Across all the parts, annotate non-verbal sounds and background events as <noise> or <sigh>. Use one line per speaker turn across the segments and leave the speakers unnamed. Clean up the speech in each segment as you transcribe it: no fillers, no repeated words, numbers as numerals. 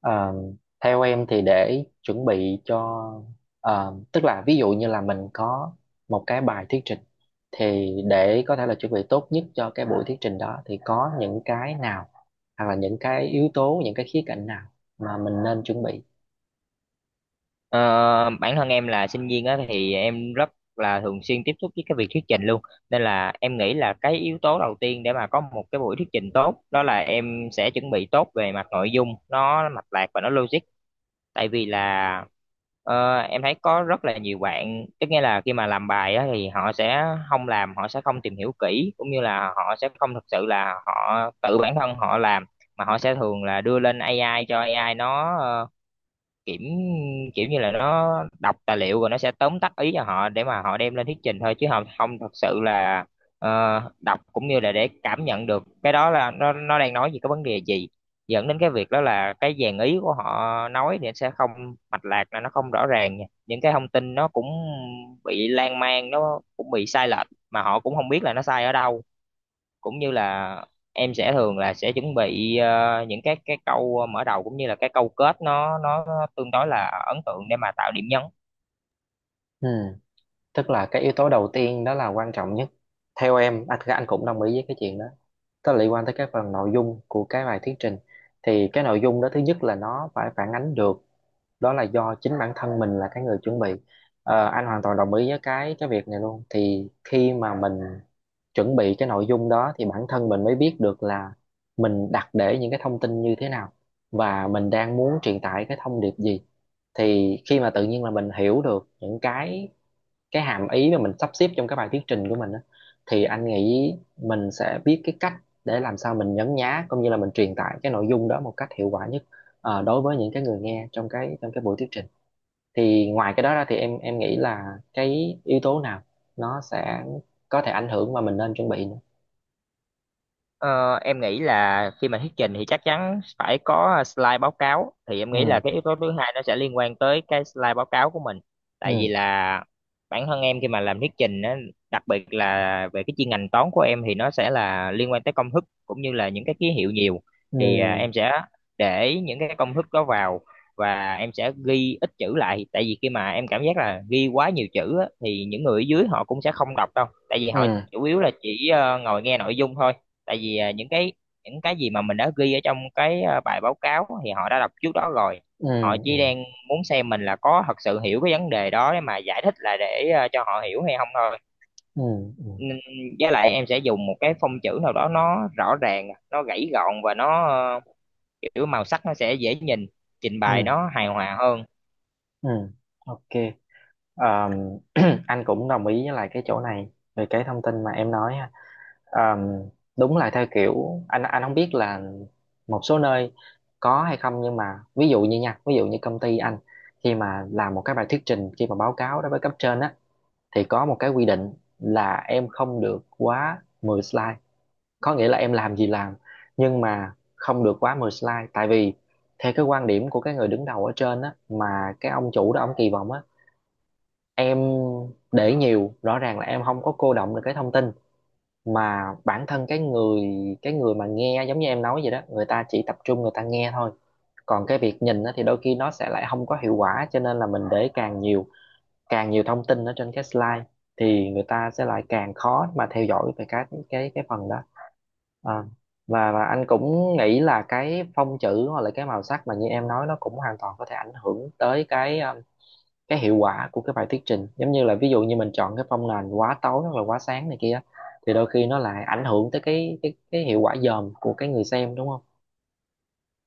Ờ, theo em thì để chuẩn bị cho tức là ví dụ như là mình có một cái bài thuyết trình, thì để có thể là chuẩn bị tốt nhất cho cái buổi thuyết trình đó thì có những cái nào, hoặc là những cái yếu tố, những cái khía cạnh nào mà mình nên chuẩn bị.
Ờ, Bản thân em là sinh viên á thì em rất là thường xuyên tiếp xúc với cái việc thuyết trình luôn, nên là em nghĩ là cái yếu tố đầu tiên để mà có một cái buổi thuyết trình tốt đó là em sẽ chuẩn bị tốt về mặt nội dung, nó mạch lạc và nó logic. Tại vì là em thấy có rất là nhiều bạn, tức nghĩa là khi mà làm bài á thì họ sẽ không tìm hiểu kỹ, cũng như là họ sẽ không thực sự là họ tự bản thân họ làm, mà họ sẽ thường là đưa lên AI, cho AI nó kiểu kiểu như là nó đọc tài liệu rồi nó sẽ tóm tắt ý cho họ để mà họ đem lên thuyết trình thôi, chứ không không thật sự là ờ, đọc cũng như là để cảm nhận được cái đó là nó đang nói gì, cái vấn đề gì, dẫn đến cái việc đó là cái dàn ý của họ nói thì nó sẽ không mạch lạc, là nó không rõ ràng nha. Những cái thông tin nó cũng bị lan man, nó cũng bị sai lệch mà họ cũng không biết là nó sai ở đâu. Cũng như là em sẽ thường là sẽ chuẩn bị những cái câu mở đầu cũng như là cái câu kết, nó tương đối là ấn tượng để mà tạo điểm nhấn.
Ừ, tức là cái yếu tố đầu tiên đó là quan trọng nhất theo em, anh cũng đồng ý với cái chuyện đó. Nó liên quan tới cái phần nội dung của cái bài thuyết trình, thì cái nội dung đó thứ nhất là nó phải phản ánh được, đó là do chính bản thân mình là cái người chuẩn bị. Ờ, anh hoàn toàn đồng ý với cái việc này luôn. Thì khi mà mình chuẩn bị cái nội dung đó thì bản thân mình mới biết được là mình đặt để những cái thông tin như thế nào, và mình đang muốn truyền tải cái thông điệp gì. Thì khi mà tự nhiên là mình hiểu được những cái hàm ý mà mình sắp xếp trong cái bài thuyết trình của mình á, thì anh nghĩ mình sẽ biết cái cách để làm sao mình nhấn nhá cũng như là mình truyền tải cái nội dung đó một cách hiệu quả nhất, đối với những cái người nghe trong cái buổi thuyết trình. Thì ngoài cái đó ra thì em nghĩ là cái yếu tố nào nó sẽ có thể ảnh hưởng mà mình nên chuẩn bị nữa?
Ờ, em nghĩ là khi mà thuyết trình thì chắc chắn phải có slide báo cáo, thì em nghĩ là
Ừ.
cái yếu tố thứ hai nó sẽ liên quan tới cái slide báo cáo của mình. Tại vì
Ừ.
là bản thân em khi mà làm thuyết trình á, đặc biệt là về cái chuyên ngành toán của em thì nó sẽ là liên quan tới công thức cũng như là những cái ký hiệu nhiều,
Ừ.
thì em sẽ để những cái công thức đó vào và em sẽ ghi ít chữ lại. Tại vì khi mà em cảm giác là ghi quá nhiều chữ á, thì những người ở dưới họ cũng sẽ không đọc đâu, tại vì
Ừ.
họ chủ yếu là chỉ ngồi nghe nội dung thôi. Tại vì những cái gì mà mình đã ghi ở trong cái bài báo cáo thì họ đã đọc trước đó rồi,
Ừ.
họ chỉ
Ừ.
đang muốn xem mình là có thật sự hiểu cái vấn đề đó để mà giải thích là để cho họ hiểu hay không thôi.
Ừ. Ừ.
Nên- với lại em sẽ dùng một cái phông chữ nào đó, nó rõ ràng, nó gãy gọn và nó kiểu màu sắc nó sẽ dễ nhìn, trình bày
Ừ.
nó hài hòa hơn.
Ừ. Ok. Ờm, <clears throat> anh cũng đồng ý với lại cái chỗ này về cái thông tin mà em nói ha. Ờm, đúng là theo kiểu, anh không biết là một số nơi có hay không, nhưng mà ví dụ như nha, ví dụ như công ty anh, khi mà làm một cái bài thuyết trình, khi mà báo cáo đối với cấp trên á, thì có một cái quy định là em không được quá 10 slide, có nghĩa là em làm gì làm nhưng mà không được quá 10 slide. Tại vì theo cái quan điểm của cái người đứng đầu ở trên á, mà cái ông chủ đó ông kỳ vọng á, em để nhiều rõ ràng là em không có cô đọng được cái thông tin, mà bản thân cái người mà nghe giống như em nói vậy đó, người ta chỉ tập trung, người ta nghe thôi. Còn cái việc nhìn á, thì đôi khi nó sẽ lại không có hiệu quả, cho nên là mình để càng nhiều, càng nhiều thông tin ở trên cái slide thì người ta sẽ lại càng khó mà theo dõi về cái phần đó. Ờ. Và anh cũng nghĩ là cái phông chữ hoặc là cái màu sắc mà như em nói, nó cũng hoàn toàn có thể ảnh hưởng tới cái, cái hiệu quả của cái bài thuyết trình. Giống như là ví dụ như mình chọn cái phong nền quá tối hoặc là quá sáng này kia, thì đôi khi nó lại ảnh hưởng tới cái hiệu quả dòm của cái người xem, đúng không?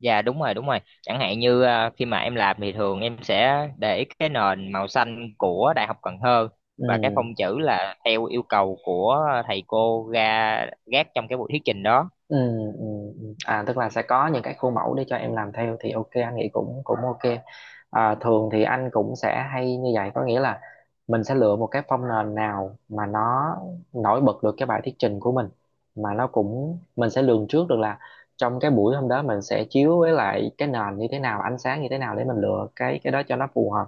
Dạ đúng rồi, đúng rồi. Chẳng hạn như khi mà em làm thì thường em sẽ để cái nền màu xanh của Đại học Cần Thơ,
Ừ.
và cái phông chữ là theo yêu cầu của thầy cô ra gác trong cái buổi thuyết trình đó.
Ừ. Ừ. Ừ. À, tức là sẽ có những cái khuôn mẫu để cho em làm theo thì ok, anh nghĩ cũng cũng ok. À, thường thì anh cũng sẽ hay như vậy. Có nghĩa là mình sẽ lựa một cái phông nền nào mà nó nổi bật được cái bài thuyết trình của mình, mà nó cũng, mình sẽ lường trước được là trong cái buổi hôm đó mình sẽ chiếu với lại cái nền như thế nào, ánh sáng như thế nào, để mình lựa cái đó cho nó phù hợp.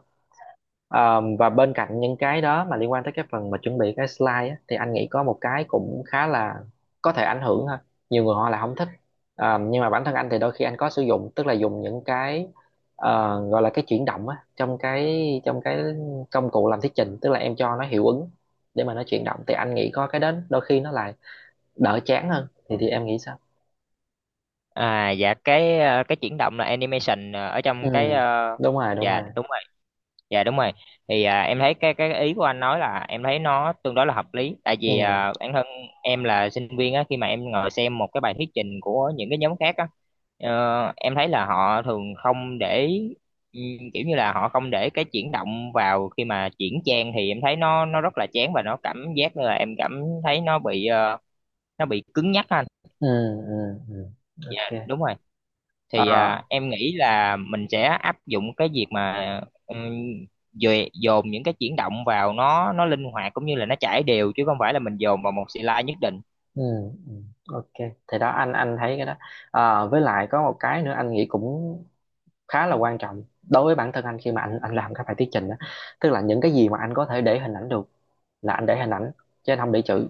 Ờ, và bên cạnh những cái đó mà liên quan tới cái phần mà chuẩn bị cái slide á, thì anh nghĩ có một cái cũng khá là có thể ảnh hưởng ha. Nhiều người họ là không thích. Ờ, nhưng mà bản thân anh thì đôi khi anh có sử dụng, tức là dùng những cái, gọi là cái chuyển động á, trong cái công cụ làm thuyết trình. Tức là em cho nó hiệu ứng để mà nó chuyển động, thì anh nghĩ có cái đến đôi khi nó lại đỡ chán hơn, thì em nghĩ sao?
À dạ cái cái chuyển động là animation ở
Ừ.
trong cái
Đúng rồi, đúng
dạ
rồi.
đúng. Dạ đúng rồi. Thì em thấy cái ý của anh nói, là em thấy nó tương đối là hợp lý. Tại vì
Ừ.
bản thân em là sinh viên á, khi mà em ngồi xem một cái bài thuyết trình của những cái nhóm khác á, em thấy là họ thường không để, ừ, kiểu như là họ không để cái chuyển động vào khi mà chuyển trang, thì em thấy nó rất là chán và nó cảm giác như là em cảm thấy nó bị nó bị cứng nhắc á anh.
Ừ. Ừ. Ừ.
Dạ
Ok.
đúng rồi.
Ờ.
Thì em nghĩ là mình sẽ áp dụng cái việc mà ừm, dồn những cái chuyển động vào, nó linh hoạt cũng như là nó chảy đều, chứ không phải là mình dồn vào một slide nhất định.
Ừ. Ừ. Ok, thì đó, anh thấy cái đó. À, với lại có một cái nữa anh nghĩ cũng khá là quan trọng đối với bản thân anh khi mà anh làm các bài thuyết trình đó. Tức là những cái gì mà anh có thể để hình ảnh được là anh để hình ảnh chứ anh không để chữ,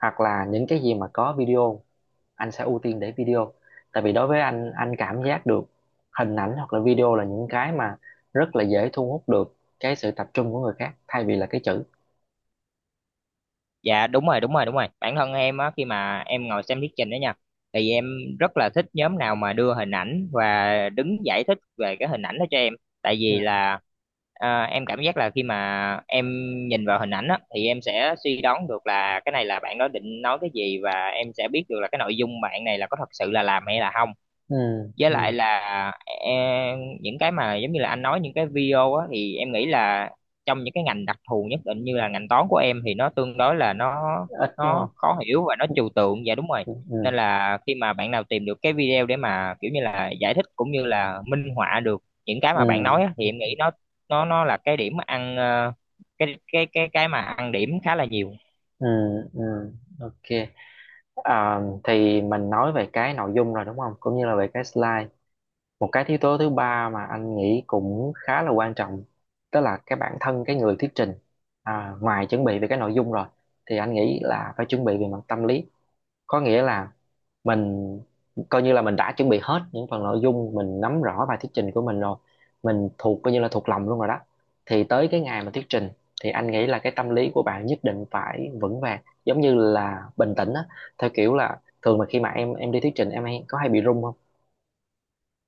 hoặc là những cái gì mà có video, anh sẽ ưu tiên để video. Tại vì đối với anh cảm giác được hình ảnh hoặc là video là những cái mà rất là dễ thu hút được cái sự tập trung của người khác, thay vì là cái chữ.
Dạ đúng rồi, đúng rồi, đúng rồi, bản thân em á khi mà em ngồi xem thuyết trình đó nha, thì em rất là thích nhóm nào mà đưa hình ảnh và đứng giải thích về cái hình ảnh đó cho em. Tại vì
Ừ.
là em cảm giác là khi mà em nhìn vào hình ảnh á, thì em sẽ suy đoán được là cái này là bạn đó định nói cái gì, và em sẽ biết được là cái nội dung bạn này là có thật sự là làm hay là không.
Ừ.
Với lại
Ừ.
là em, những cái mà giống như là anh nói, những cái video á, thì em nghĩ là trong những cái ngành đặc thù nhất định như là ngành toán của em thì nó tương đối là
Ít đúng
nó
không.
khó hiểu và nó trừu tượng, dạ đúng rồi.
Ừ. Ừ.
Nên là khi mà bạn nào tìm được cái video để mà kiểu như là giải thích cũng như là minh họa được những cái
Ừ.
mà bạn nói á,
Ừ.
thì em nghĩ nó là cái điểm ăn cái mà ăn điểm khá là nhiều.
Ừ. Ừ. Ok. À, thì mình nói về cái nội dung rồi, đúng không, cũng như là về cái slide. Một cái yếu tố thứ ba mà anh nghĩ cũng khá là quan trọng, đó là cái bản thân cái người thuyết trình. À, ngoài chuẩn bị về cái nội dung rồi, thì anh nghĩ là phải chuẩn bị về mặt tâm lý. Có nghĩa là mình coi như là mình đã chuẩn bị hết những phần nội dung, mình nắm rõ bài thuyết trình của mình rồi, mình thuộc coi như là thuộc lòng luôn rồi đó. Thì tới cái ngày mà thuyết trình, thì anh nghĩ là cái tâm lý của bạn nhất định phải vững vàng, giống như là bình tĩnh á. Theo kiểu là thường mà khi mà em đi thuyết trình em hay có hay bị run không?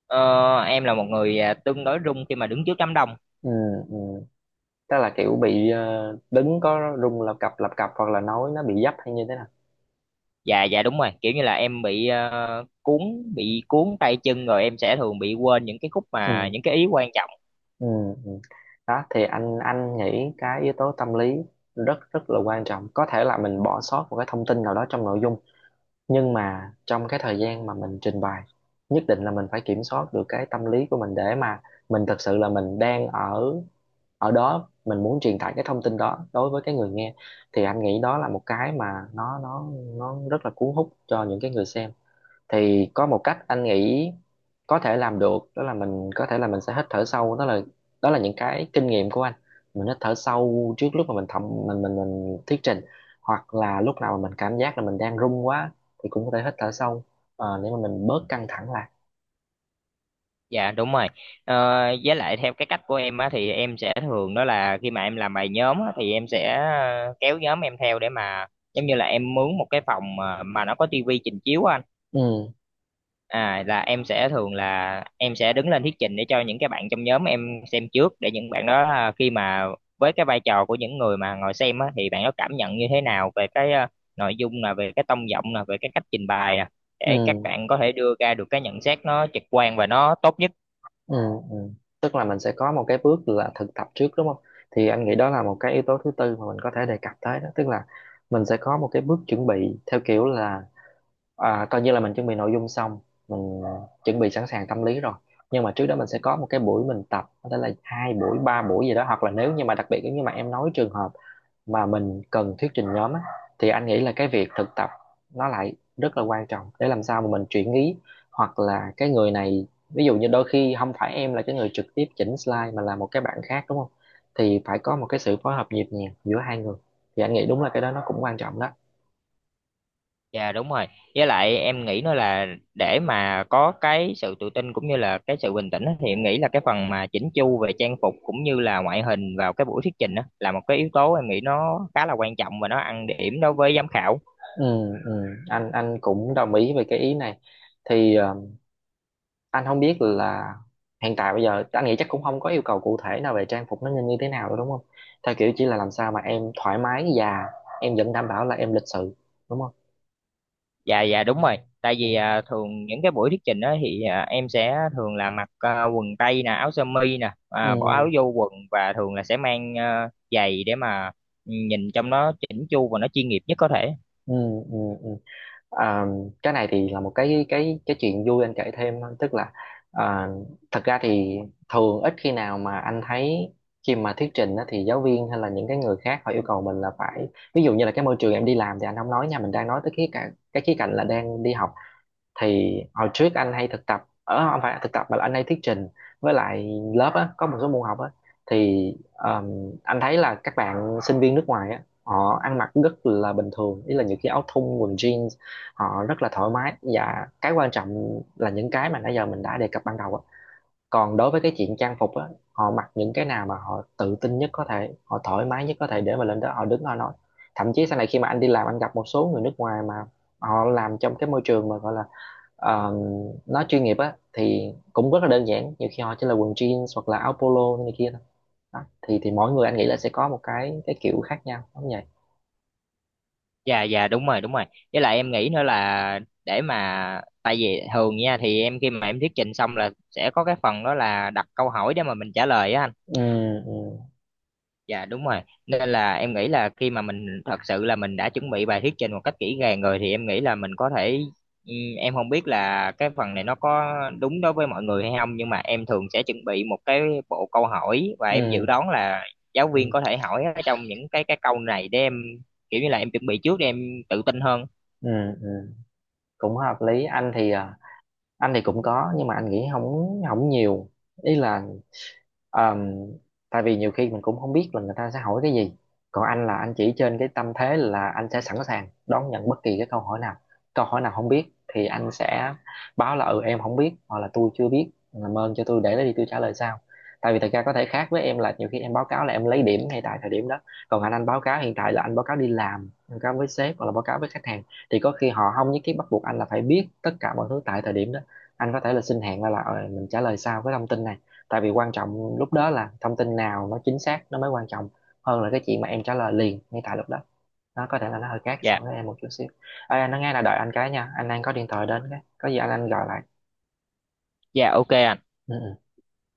Ờ, em là một người tương đối rung khi mà đứng trước đám đông.
Ừ. Ừ. Tức là kiểu bị, đứng có run lập cập lập cập, hoặc là nói nó bị dấp hay như thế nào?
Dạ dạ đúng rồi, kiểu như là em bị bị cuốn tay chân, rồi em sẽ thường bị quên những cái khúc mà
Ừ.
những cái ý quan trọng,
Ừ. Ừ. Đó, thì anh nghĩ cái yếu tố tâm lý rất rất là quan trọng. Có thể là mình bỏ sót một cái thông tin nào đó trong nội dung, nhưng mà trong cái thời gian mà mình trình bày, nhất định là mình phải kiểm soát được cái tâm lý của mình, để mà mình thật sự là mình đang ở ở đó, mình muốn truyền tải cái thông tin đó đối với cái người nghe. Thì anh nghĩ đó là một cái mà nó nó rất là cuốn hút cho những cái người xem. Thì có một cách anh nghĩ có thể làm được, đó là mình có thể là mình sẽ hít thở sâu. Đó là, đó là những cái kinh nghiệm của anh. Mình hít thở sâu trước lúc mà mình thẩm, mình thuyết trình, hoặc là lúc nào mà mình cảm giác là mình đang run quá thì cũng có thể hít thở sâu, để mà mình bớt căng thẳng lại.
dạ đúng rồi. Ờ, với lại theo cái cách của em á, thì em sẽ thường đó là khi mà em làm bài nhóm á, thì em sẽ kéo nhóm em theo để mà giống như là em mướn một cái phòng mà nó có tivi trình chiếu á anh.
Ừ.
À, là em sẽ thường là em sẽ đứng lên thuyết trình để cho những cái bạn trong nhóm em xem trước, để những bạn đó khi mà với cái vai trò của những người mà ngồi xem á, thì bạn đó cảm nhận như thế nào về cái nội dung, là về cái tông giọng, là về cái cách trình bày nè, để các
Ừ.
bạn có thể đưa ra được cái nhận xét nó trực quan và nó tốt nhất.
Ừ. Ừ. Tức là mình sẽ có một cái bước là thực tập trước đúng không? Thì anh nghĩ đó là một cái yếu tố thứ tư mà mình có thể đề cập tới đó. Tức là mình sẽ có một cái bước chuẩn bị theo kiểu là, à, coi như là mình chuẩn bị nội dung xong, mình chuẩn bị sẵn sàng tâm lý rồi, nhưng mà trước đó mình sẽ có một cái buổi mình tập, có thể là hai buổi ba buổi gì đó. Hoặc là nếu như mà đặc biệt nếu như mà em nói trường hợp mà mình cần thuyết trình nhóm á, thì anh nghĩ là cái việc thực tập nó lại rất là quan trọng. Để làm sao mà mình chuyển ý, hoặc là cái người này ví dụ như đôi khi không phải em là cái người trực tiếp chỉnh slide mà là một cái bạn khác đúng không, thì phải có một cái sự phối hợp nhịp nhàng giữa hai người. Thì anh nghĩ đúng là cái đó nó cũng quan trọng đó.
Dạ đúng rồi. Với lại em nghĩ nữa là để mà có cái sự tự tin cũng như là cái sự bình tĩnh á, thì em nghĩ là cái phần mà chỉnh chu về trang phục cũng như là ngoại hình vào cái buổi thuyết trình đó là một cái yếu tố em nghĩ nó khá là quan trọng và nó ăn điểm đối với giám khảo.
Ừ. Ừ, anh cũng đồng ý về cái ý này. Thì anh không biết là hiện tại bây giờ anh nghĩ chắc cũng không có yêu cầu cụ thể nào về trang phục nó nên như thế nào đâu đúng không? Theo kiểu chỉ là làm sao mà em thoải mái và em vẫn đảm bảo là em lịch sự, đúng không?
Dạ dạ đúng rồi. Tại
Ừ.
vì thường những cái buổi thuyết trình đó thì em sẽ thường là mặc quần tây nè, áo sơ mi nè, bỏ áo
Ừ.
vô quần, và thường là sẽ mang giày để mà nhìn trong nó chỉnh chu và nó chuyên nghiệp nhất có thể.
Ừ. Ừ. Ờ, cái này thì là một cái cái chuyện vui anh kể thêm thôi. Tức là, ờ, thật ra thì thường ít khi nào mà anh thấy khi mà thuyết trình á, thì giáo viên hay là những cái người khác họ yêu cầu mình là phải, ví dụ như là cái môi trường em đi làm thì anh không nói nha, mình đang nói tới khía cạnh cái khía cạnh là đang đi học. Thì hồi trước anh hay thực tập ở, không phải thực tập mà là anh hay thuyết trình với lại lớp á, có một số môn học á, thì anh thấy là các bạn sinh viên nước ngoài á họ ăn mặc rất là bình thường, ý là những cái áo thun quần jeans. Họ rất là thoải mái, và cái quan trọng là những cái mà nãy giờ mình đã đề cập ban đầu á. Còn đối với cái chuyện trang phục á, họ mặc những cái nào mà họ tự tin nhất có thể, họ thoải mái nhất có thể để mà lên đó họ đứng họ nói. Thậm chí sau này khi mà anh đi làm, anh gặp một số người nước ngoài mà họ làm trong cái môi trường mà gọi là, Ờ, nói chuyên nghiệp á, thì cũng rất là đơn giản, nhiều khi họ chỉ là quần jeans hoặc là áo polo này kia thôi. Đó. Thì mỗi người anh nghĩ là sẽ có một cái kiểu khác nhau đúng vậy.
Dạ dạ đúng rồi, đúng rồi. Với lại em nghĩ nữa là để mà, tại vì thường nha thì em khi mà em thuyết trình xong là sẽ có cái phần đó là đặt câu hỏi để mà mình trả lời á anh.
Ừ. Ừ.
Dạ đúng rồi. Nên là em nghĩ là khi mà mình thật sự là mình đã chuẩn bị bài thuyết trình một cách kỹ càng rồi, thì em nghĩ là mình có thể em không biết là cái phần này nó có đúng đối với mọi người hay không, nhưng mà em thường sẽ chuẩn bị một cái bộ câu hỏi và em dự
Ừ.
đoán là giáo viên
Ừ.
có thể hỏi ở trong những cái câu này, để em kiểu như là em chuẩn bị trước để em tự tin hơn.
Ừ. Ừ. Cũng hợp lý. Anh thì à, anh thì cũng có nhưng mà anh nghĩ không không nhiều, ý là, Ờm, tại vì nhiều khi mình cũng không biết là người ta sẽ hỏi cái gì. Còn anh là anh chỉ trên cái tâm thế là anh sẽ sẵn sàng đón nhận bất kỳ cái câu hỏi nào. Câu hỏi nào không biết thì anh sẽ báo là ừ em không biết, hoặc là tôi chưa biết, làm ơn cho tôi để đó đi, tôi trả lời sau. Tại vì thật ra có thể khác với em là nhiều khi em báo cáo là em lấy điểm ngay tại thời điểm đó, còn anh báo cáo hiện tại là anh báo cáo đi làm, báo cáo với sếp hoặc là báo cáo với khách hàng, thì có khi họ không nhất thiết bắt buộc anh là phải biết tất cả mọi thứ tại thời điểm đó. Anh có thể là xin hẹn ra là, mình trả lời sau cái thông tin này. Tại vì quan trọng lúc đó là thông tin nào nó chính xác nó mới quan trọng, hơn là cái chuyện mà em trả lời liền ngay tại lúc đó, nó có thể là nó hơi khác so
Dạ.
với em một chút xíu. Ê, anh nói nghe, là đợi anh cái nha, anh đang có điện thoại đến, cái có gì anh gọi lại.
Dạ ok ạ.
Ừ. Ừ.